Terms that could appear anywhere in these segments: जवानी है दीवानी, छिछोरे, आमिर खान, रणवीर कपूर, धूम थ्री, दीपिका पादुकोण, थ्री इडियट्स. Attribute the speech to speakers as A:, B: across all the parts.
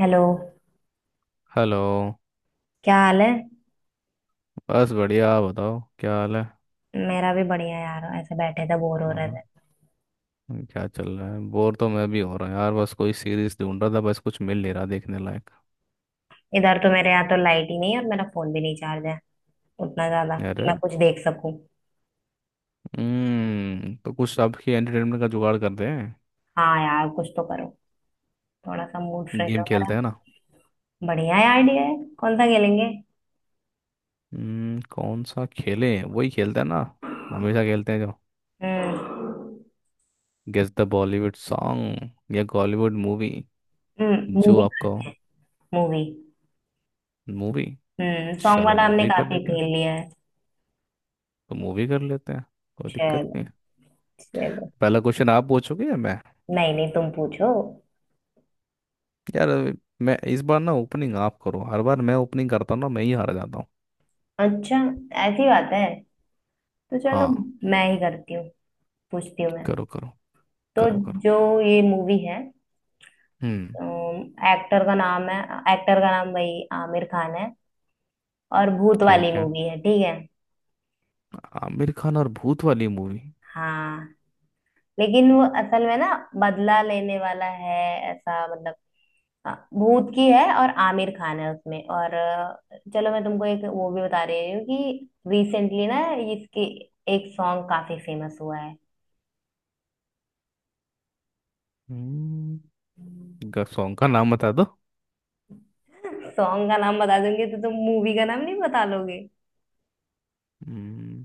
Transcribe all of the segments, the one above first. A: Hello.
B: Hello.
A: क्या हाल है?
B: बस बढ़िया, आप बताओ क्या हाल है।
A: मेरा भी बढ़िया यार, ऐसे बैठे थे बोर हो रहे
B: और
A: थे।
B: क्या चल रहा है? बोर तो मैं भी हो रहा हूँ यार। बस कोई सीरीज ढूंढ रहा था, बस कुछ मिल नहीं रहा देखने लायक।
A: इधर तो मेरे यहाँ तो लाइट ही नहीं है और मेरा फोन भी नहीं चार्ज है उतना ज्यादा कि मैं
B: अरे
A: कुछ देख सकूं।
B: हम्म, तो कुछ आपकी एंटरटेनमेंट का जुगाड़ करते हैं।
A: हाँ यार, कुछ तो करो। थोड़ा सा मूड फ्रेश हो
B: गेम
A: मेरा।
B: खेलते हैं ना।
A: बढ़िया आइडिया है। कौन सा खेलेंगे?
B: कौन सा खेलें? वही खेलते हैं ना, हमेशा खेलते हैं जो,
A: हम्म।
B: गेस द बॉलीवुड सॉन्ग या बॉलीवुड मूवी।
A: हम्म,
B: जो
A: मूवी।
B: आपका।
A: मूवी।
B: मूवी।
A: हम्म, सॉन्ग
B: चलो
A: वाला हमने
B: मूवी कर
A: काफी
B: लेते हैं।
A: खेल लिया है।
B: तो मूवी कर लेते हैं। कोई दिक्कत
A: चलो।
B: नहीं है।
A: चलो।
B: पहला क्वेश्चन आप पूछोगे या मैं?
A: नहीं नहीं, तुम पूछो।
B: यार मैं इस बार ना, ओपनिंग आप करो। हर बार मैं ओपनिंग करता हूँ ना, मैं ही हार जाता हूँ।
A: अच्छा, ऐसी बात है तो चलो।
B: हाँ,
A: मैं ही करती हूँ, पूछती हूँ मैं।
B: करो करो।
A: तो,
B: करो।
A: जो ये मूवी है,
B: हम्म,
A: एक्टर का नाम है एक्टर का नाम भाई आमिर खान है। और भूत वाली
B: ठीक है।
A: मूवी है, ठीक है?
B: आमिर खान और भूत वाली मूवी।
A: हाँ, लेकिन वो असल में ना, बदला लेने वाला है ऐसा, मतलब। हाँ, भूत की है और आमिर खान है उसमें, और चलो मैं तुमको एक वो भी बता रही हूँ कि रिसेंटली ना, इसकी एक सॉन्ग काफी फेमस हुआ है।
B: हम्म, सॉन्ग का नाम बता दो।
A: सॉन्ग का नाम बता दूंगी तो तुम मूवी का नाम नहीं बता लोगे?
B: हम्म।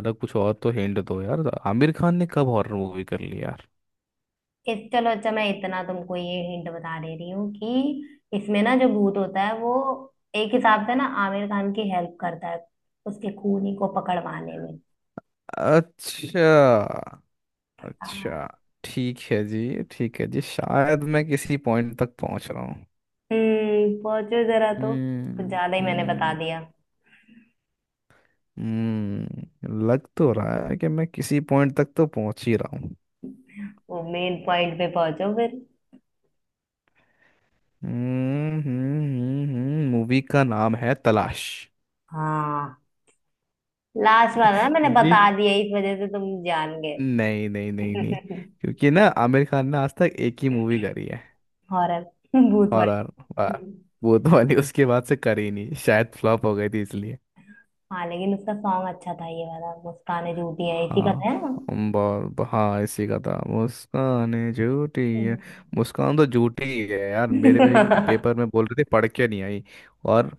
B: अरे कुछ और तो हिंट दो यार, आमिर खान ने कब हॉरर मूवी कर ली यार।
A: इस चलो, अच्छा, मैं इतना तुमको ये हिंट बता दे रही हूँ कि इसमें ना जो भूत होता है वो एक हिसाब से ना आमिर खान की हेल्प करता है उसके खूनी को पकड़वाने में।
B: अच्छा। अच्छा ठीक है जी, ठीक है जी, शायद मैं किसी पॉइंट तक पहुंच रहा हूँ।
A: पहुंचो जरा, तो कुछ
B: हम्म
A: ज्यादा ही मैंने बता
B: हम्म,
A: दिया।
B: लग तो रहा है कि मैं किसी पॉइंट तक तो पहुंच ही रहा हूँ।
A: वो मेन पॉइंट पे पहुंचो फिर।
B: मूवी का नाम है तलाश।
A: हाँ, लास्ट वाला ना मैंने
B: क्योंकि
A: बता दिया इस वजह से तुम जान गए।
B: नहीं नहीं नहीं नहीं, क्योंकि ना आमिर खान ने आज तक एक ही मूवी करी है।
A: हॉरर। भूत वाला।
B: हॉरर। वाह। वो तो वाली उसके बाद से करी नहीं, शायद फ्लॉप हो गई थी इसलिए।
A: हाँ, लेकिन उसका सॉन्ग अच्छा था, ये वाला "मुस्कान झूठी है" इसी का
B: हाँ,
A: था।
B: अंबर हाँ इसी का था, मुस्कान झूठी
A: ना।
B: है। मुस्कान तो झूठी ही है यार, मेरे में भी पेपर में बोल रहे थे पढ़ के नहीं आई। और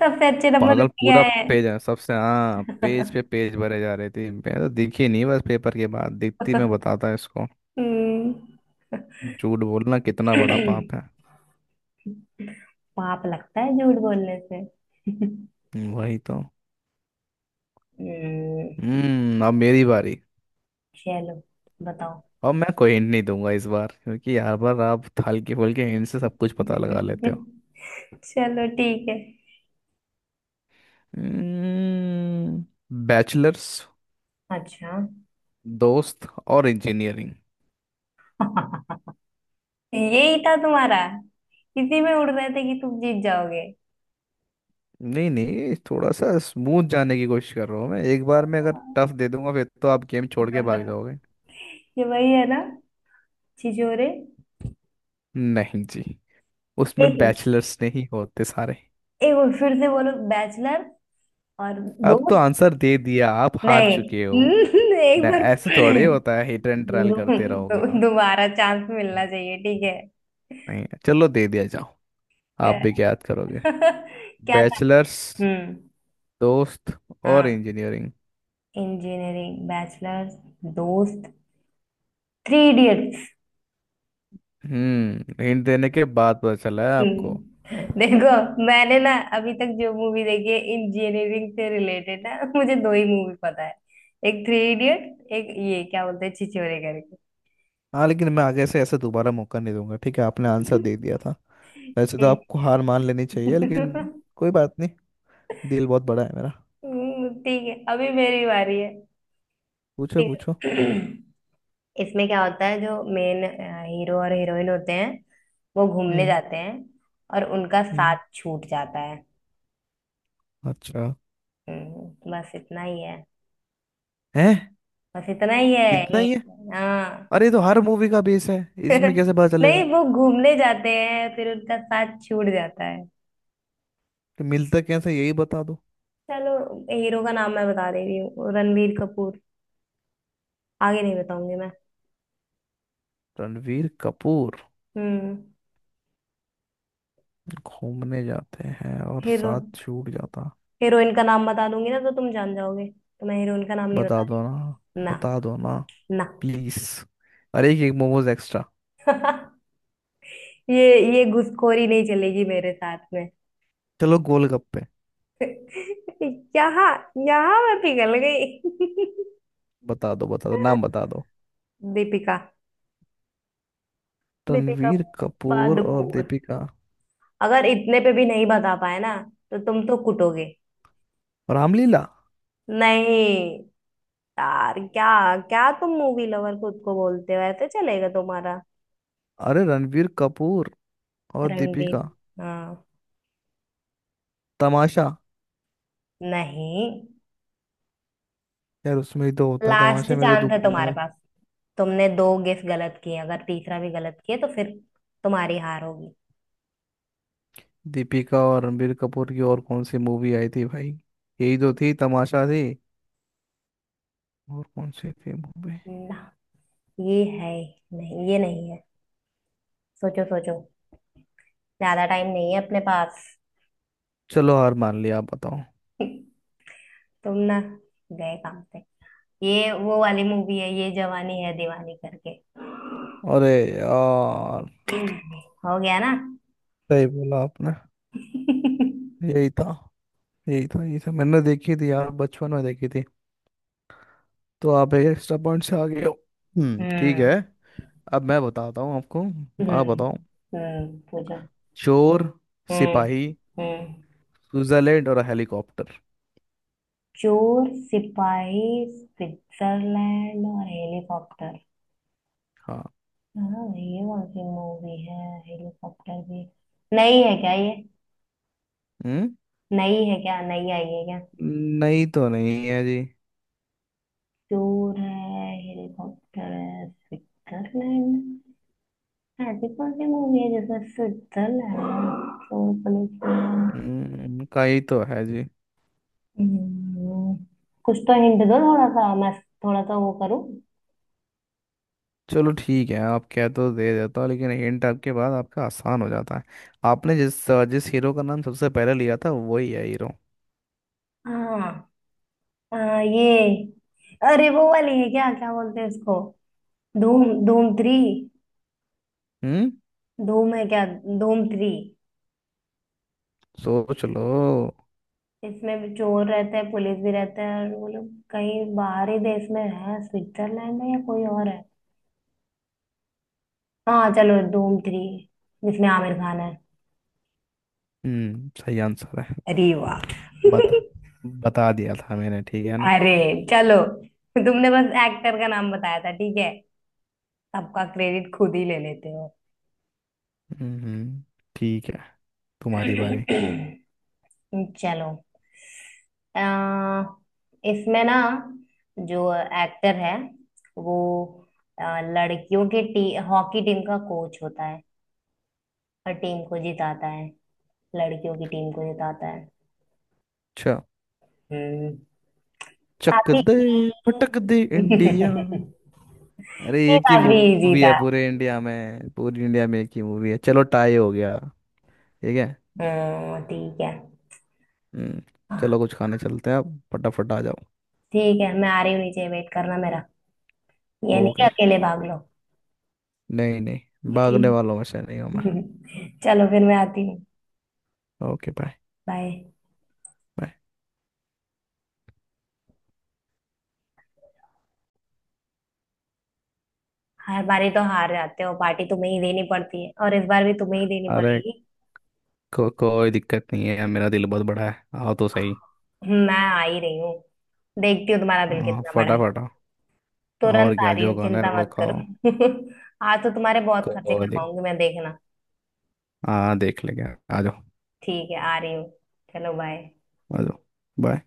A: सबसे अच्छे नंबर
B: पागल
A: उसके
B: पूरा
A: आए हैं।
B: पेज है सबसे, हाँ पेज पे पेज भरे जा रहे थे, मैं तो दिखी नहीं, बस पेपर के बाद दिखती मैं बताता इसको।
A: हम्म।
B: झूठ बोलना कितना बड़ा पाप है।
A: पाप लगता है झूठ बोलने से?
B: वही तो।
A: हम्म।
B: हम्म, अब मेरी बारी।
A: चलो, बताओ।
B: अब मैं कोई हिंट नहीं दूंगा इस बार, क्योंकि हर बार आप हल्के फुल्के हिंट से सब कुछ पता लगा लेते हो।
A: चलो, ठीक है।
B: हम्म, बैचलर्स
A: अच्छा।
B: दोस्त और इंजीनियरिंग।
A: यही था तुम्हारा? इसी में उड़ रहे थे कि तुम जीत जाओगे।
B: नहीं नहीं, थोड़ा सा स्मूथ जाने की कोशिश कर रहा हूँ मैं, एक बार में अगर टफ दे दूंगा फिर तो आप गेम छोड़ के भाग जाओगे।
A: ये वही है ना, छिछोरे?
B: नहीं जी, उसमें
A: एक
B: बैचलर्स नहीं होते सारे।
A: एक बार फिर से बोलो, बैचलर और
B: अब तो
A: दोस्त।
B: आंसर दे दिया, आप हार
A: नहीं।
B: चुके हो।
A: एक
B: ना
A: बार।
B: ऐसे थोड़े होता है, हिट एंड ट्रायल
A: दो,
B: करते रहोगे
A: दो,
B: आप?
A: दोबारा चांस मिलना चाहिए, ठीक है?
B: नहीं चलो दे दिया, जाओ। आप
A: क्या?
B: भी क्या याद करोगे।
A: क्या था?
B: बैचलर्स
A: हम्म।
B: दोस्त और
A: हाँ।
B: इंजीनियरिंग।
A: इंजीनियरिंग, बैचलर्स, दोस्त, थ्री इडियट्स।
B: हम्म, हिंट देने के बाद पता चला है आपको।
A: हम्म। देखो मैंने ना अभी तक जो मूवी देखी है इंजीनियरिंग से रिलेटेड ना, मुझे दो ही मूवी पता है। एक थ्री इडियट, एक ये क्या बोलते हैं, छिछोरे करके।
B: हाँ लेकिन मैं आगे से ऐसा दोबारा मौका नहीं दूंगा, ठीक है? आपने आंसर दे दिया था, वैसे तो
A: ठीक।
B: आपको हार मान लेनी चाहिए लेकिन कोई बात नहीं, दिल बहुत बड़ा है मेरा।
A: ठीक है, अभी मेरी बारी है।
B: पूछो
A: ठीक
B: पूछो
A: है। इसमें क्या होता है, जो मेन हीरो और हीरोइन होते हैं वो घूमने
B: हम्म।
A: जाते हैं और उनका
B: हम्म।
A: साथ छूट जाता है।
B: अच्छा।
A: बस इतना ही है।
B: है?
A: बस इतना ही है।
B: इतना ही है?
A: हाँ।
B: अरे ये तो हर मूवी का बेस है, इसमें कैसे पता चलेगा
A: नहीं, वो घूमने जाते हैं फिर उनका साथ छूट जाता है।
B: कि मिलता कैसे, यही बता दो।
A: चलो, हीरो का नाम मैं बता दे रही हूँ, रणवीर कपूर। आगे नहीं बताऊंगी मैं।
B: रणवीर कपूर।
A: हम्म।
B: घूमने जाते हैं और
A: हीरो।
B: साथ छूट जाता।
A: हीरोइन का नाम बता दूंगी ना तो तुम जान जाओगे, तो मैं हीरोइन का नाम नहीं बता
B: बता दो ना
A: रही ना।
B: बता दो ना
A: ना।
B: प्लीज, अरे एक मोमोज एक्स्ट्रा।
A: ये घुसखोरी नहीं चलेगी मेरे साथ में।
B: चलो गोलगप्पे।
A: यहाँ यहाँ मैं पिघल गई।
B: बता दो नाम बता दो।
A: दीपिका। दीपिका
B: रणवीर कपूर और
A: पादुकोण।
B: दीपिका
A: अगर इतने पे भी नहीं बता पाए ना तो तुम तो कुटोगे।
B: और रामलीला?
A: नहीं यार, क्या, क्या तुम मूवी लवर खुद को बोलते हो, ऐसे चलेगा तुम्हारा?
B: अरे रणवीर कपूर और
A: रणवीर।
B: दीपिका,
A: हाँ।
B: तमाशा।
A: नहीं।
B: यार उसमें ही तो होता है,
A: लास्ट
B: तमाशे में तो
A: चांस
B: दुख।
A: है तुम्हारे पास। तुमने दो गेस गलत किए, अगर तीसरा भी गलत किए तो फिर तुम्हारी हार
B: दीपिका और रणबीर कपूर की और कौन सी मूवी आई थी भाई? यही तो थी, तमाशा थी। और कौन सी थी मूवी?
A: होगी। ये है? नहीं, ये नहीं है। सोचो सोचो। ज्यादा टाइम नहीं है अपने पास।
B: चलो हार मान लिया, आप बताओ।
A: तुम ना, गए काम पे। ये वो वाली मूवी है, ये "जवानी है दीवानी" करके।
B: अरे यार,
A: हो गया ना?
B: सही बोला आपने। यही था यही था यही था, मैंने देखी थी यार, बचपन में देखी थी। तो आप एक एक्स्ट्रा पॉइंट से आ गए हो। ठीक है।
A: हम्म।
B: अब मैं बताता हूँ आपको,
A: हम्म।
B: आप बताओ।
A: हम्म, पूछो।
B: चोर
A: हम्म।
B: सिपाही
A: हम्म।
B: स्विट्जरलैंड और हेलीकॉप्टर।
A: चोर सिपाही, स्विट्जरलैंड और हेलीकॉप्टर।
B: हाँ।
A: हाँ, ये कौन सी मूवी है? हेलीकॉप्टर भी? नई है क्या ये?
B: हम्म।
A: नई है क्या, नई आई है क्या?
B: नहीं तो नहीं है जी।
A: चोर है, हेलीकॉप्टर है, स्विट्जरलैंड। हाँ, बिकॉज ये मूवी है जैसे, स्विट्जरलैंड है, चोर पुलिस वाला।
B: का ही तो है जी।
A: हम्म, कुछ तो हिंट दो, थोड़ा सा वो करूँ।
B: चलो ठीक है, आप कह तो दे देता हो लेकिन हिंट आपके बाद आपका आसान हो जाता है। आपने जिस जिस हीरो का नाम सबसे पहले लिया था, वही है हीरो।
A: हाँ। ये, अरे वो वाली है क्या, क्या बोलते हैं उसको? धूम धूम थ्री।
B: हम्म,
A: धूम है क्या? धूम थ्री।
B: सोच लो।
A: इसमें भी चोर रहते हैं, पुलिस भी रहते हैं और वो लोग कहीं बाहरी देश में है, स्विट्जरलैंड है या कोई और है। हाँ चलो, धूम थ्री, जिसमें आमिर खान है।
B: हम्म, सही आंसर है।
A: अरे वाह।
B: बता, बता दिया था मैंने, ठीक है ना।
A: अरे, चलो तो तुमने बस एक्टर का नाम बताया था, ठीक है। सबका क्रेडिट खुद ही ले लेते हो।
B: हम्म ठीक है, तुम्हारी बारी।
A: चलो, अ, इसमें ना जो एक्टर है वो अ, लड़कियों के हॉकी टीम का कोच होता है और टीम को जिताता है, लड़कियों की टीम को जिताता है।
B: अच्छा।
A: हम्म।
B: चक
A: काफी।
B: दे भटक दे इंडिया। अरे
A: ये
B: एक ही
A: काफी इजी
B: मूवी है
A: था।
B: पूरे इंडिया में, पूरी इंडिया में एक ही मूवी है, चलो टाई हो गया। ठीक है।
A: ठीक है।
B: हम्म।
A: हाँ,
B: चलो कुछ खाने चलते हैं आप, फटाफट आ जाओ।
A: ठीक है, मैं आ रही हूँ नीचे, वेट करना मेरा। ये नहीं कि
B: ओके,
A: अकेले भाग लो।
B: नहीं नहीं, भागने
A: ठीक।
B: वालों में से नहीं हूँ मैं।
A: चलो फिर मैं आती हूँ।
B: Okay bye.
A: बाय।
B: बाय।
A: हर बारी तो हार जाते हो, पार्टी तुम्हें ही देनी पड़ती है और इस बार भी तुम्हें ही देनी
B: अरे
A: पड़ेगी।
B: कोई दिक्कत नहीं है, मेरा दिल बहुत बड़ा है, आओ तो सही।
A: मैं आ ही रही हूँ। देखती हूँ तुम्हारा दिल
B: हाँ,
A: कितना बड़ा है।
B: फटाफट आओ। और
A: तुरंत आ
B: क्या
A: रही हूँ,
B: जो खाना है
A: चिंता
B: वो
A: मत करो।
B: खाओ।
A: आज तो तुम्हारे बहुत खर्चे
B: कोई दिक
A: करवाऊंगी मैं, देखना।
B: हाँ देख लेंगे, आ जाओ।
A: ठीक है, आ रही हूँ। चलो बाय।
B: आ जाओ, बाय।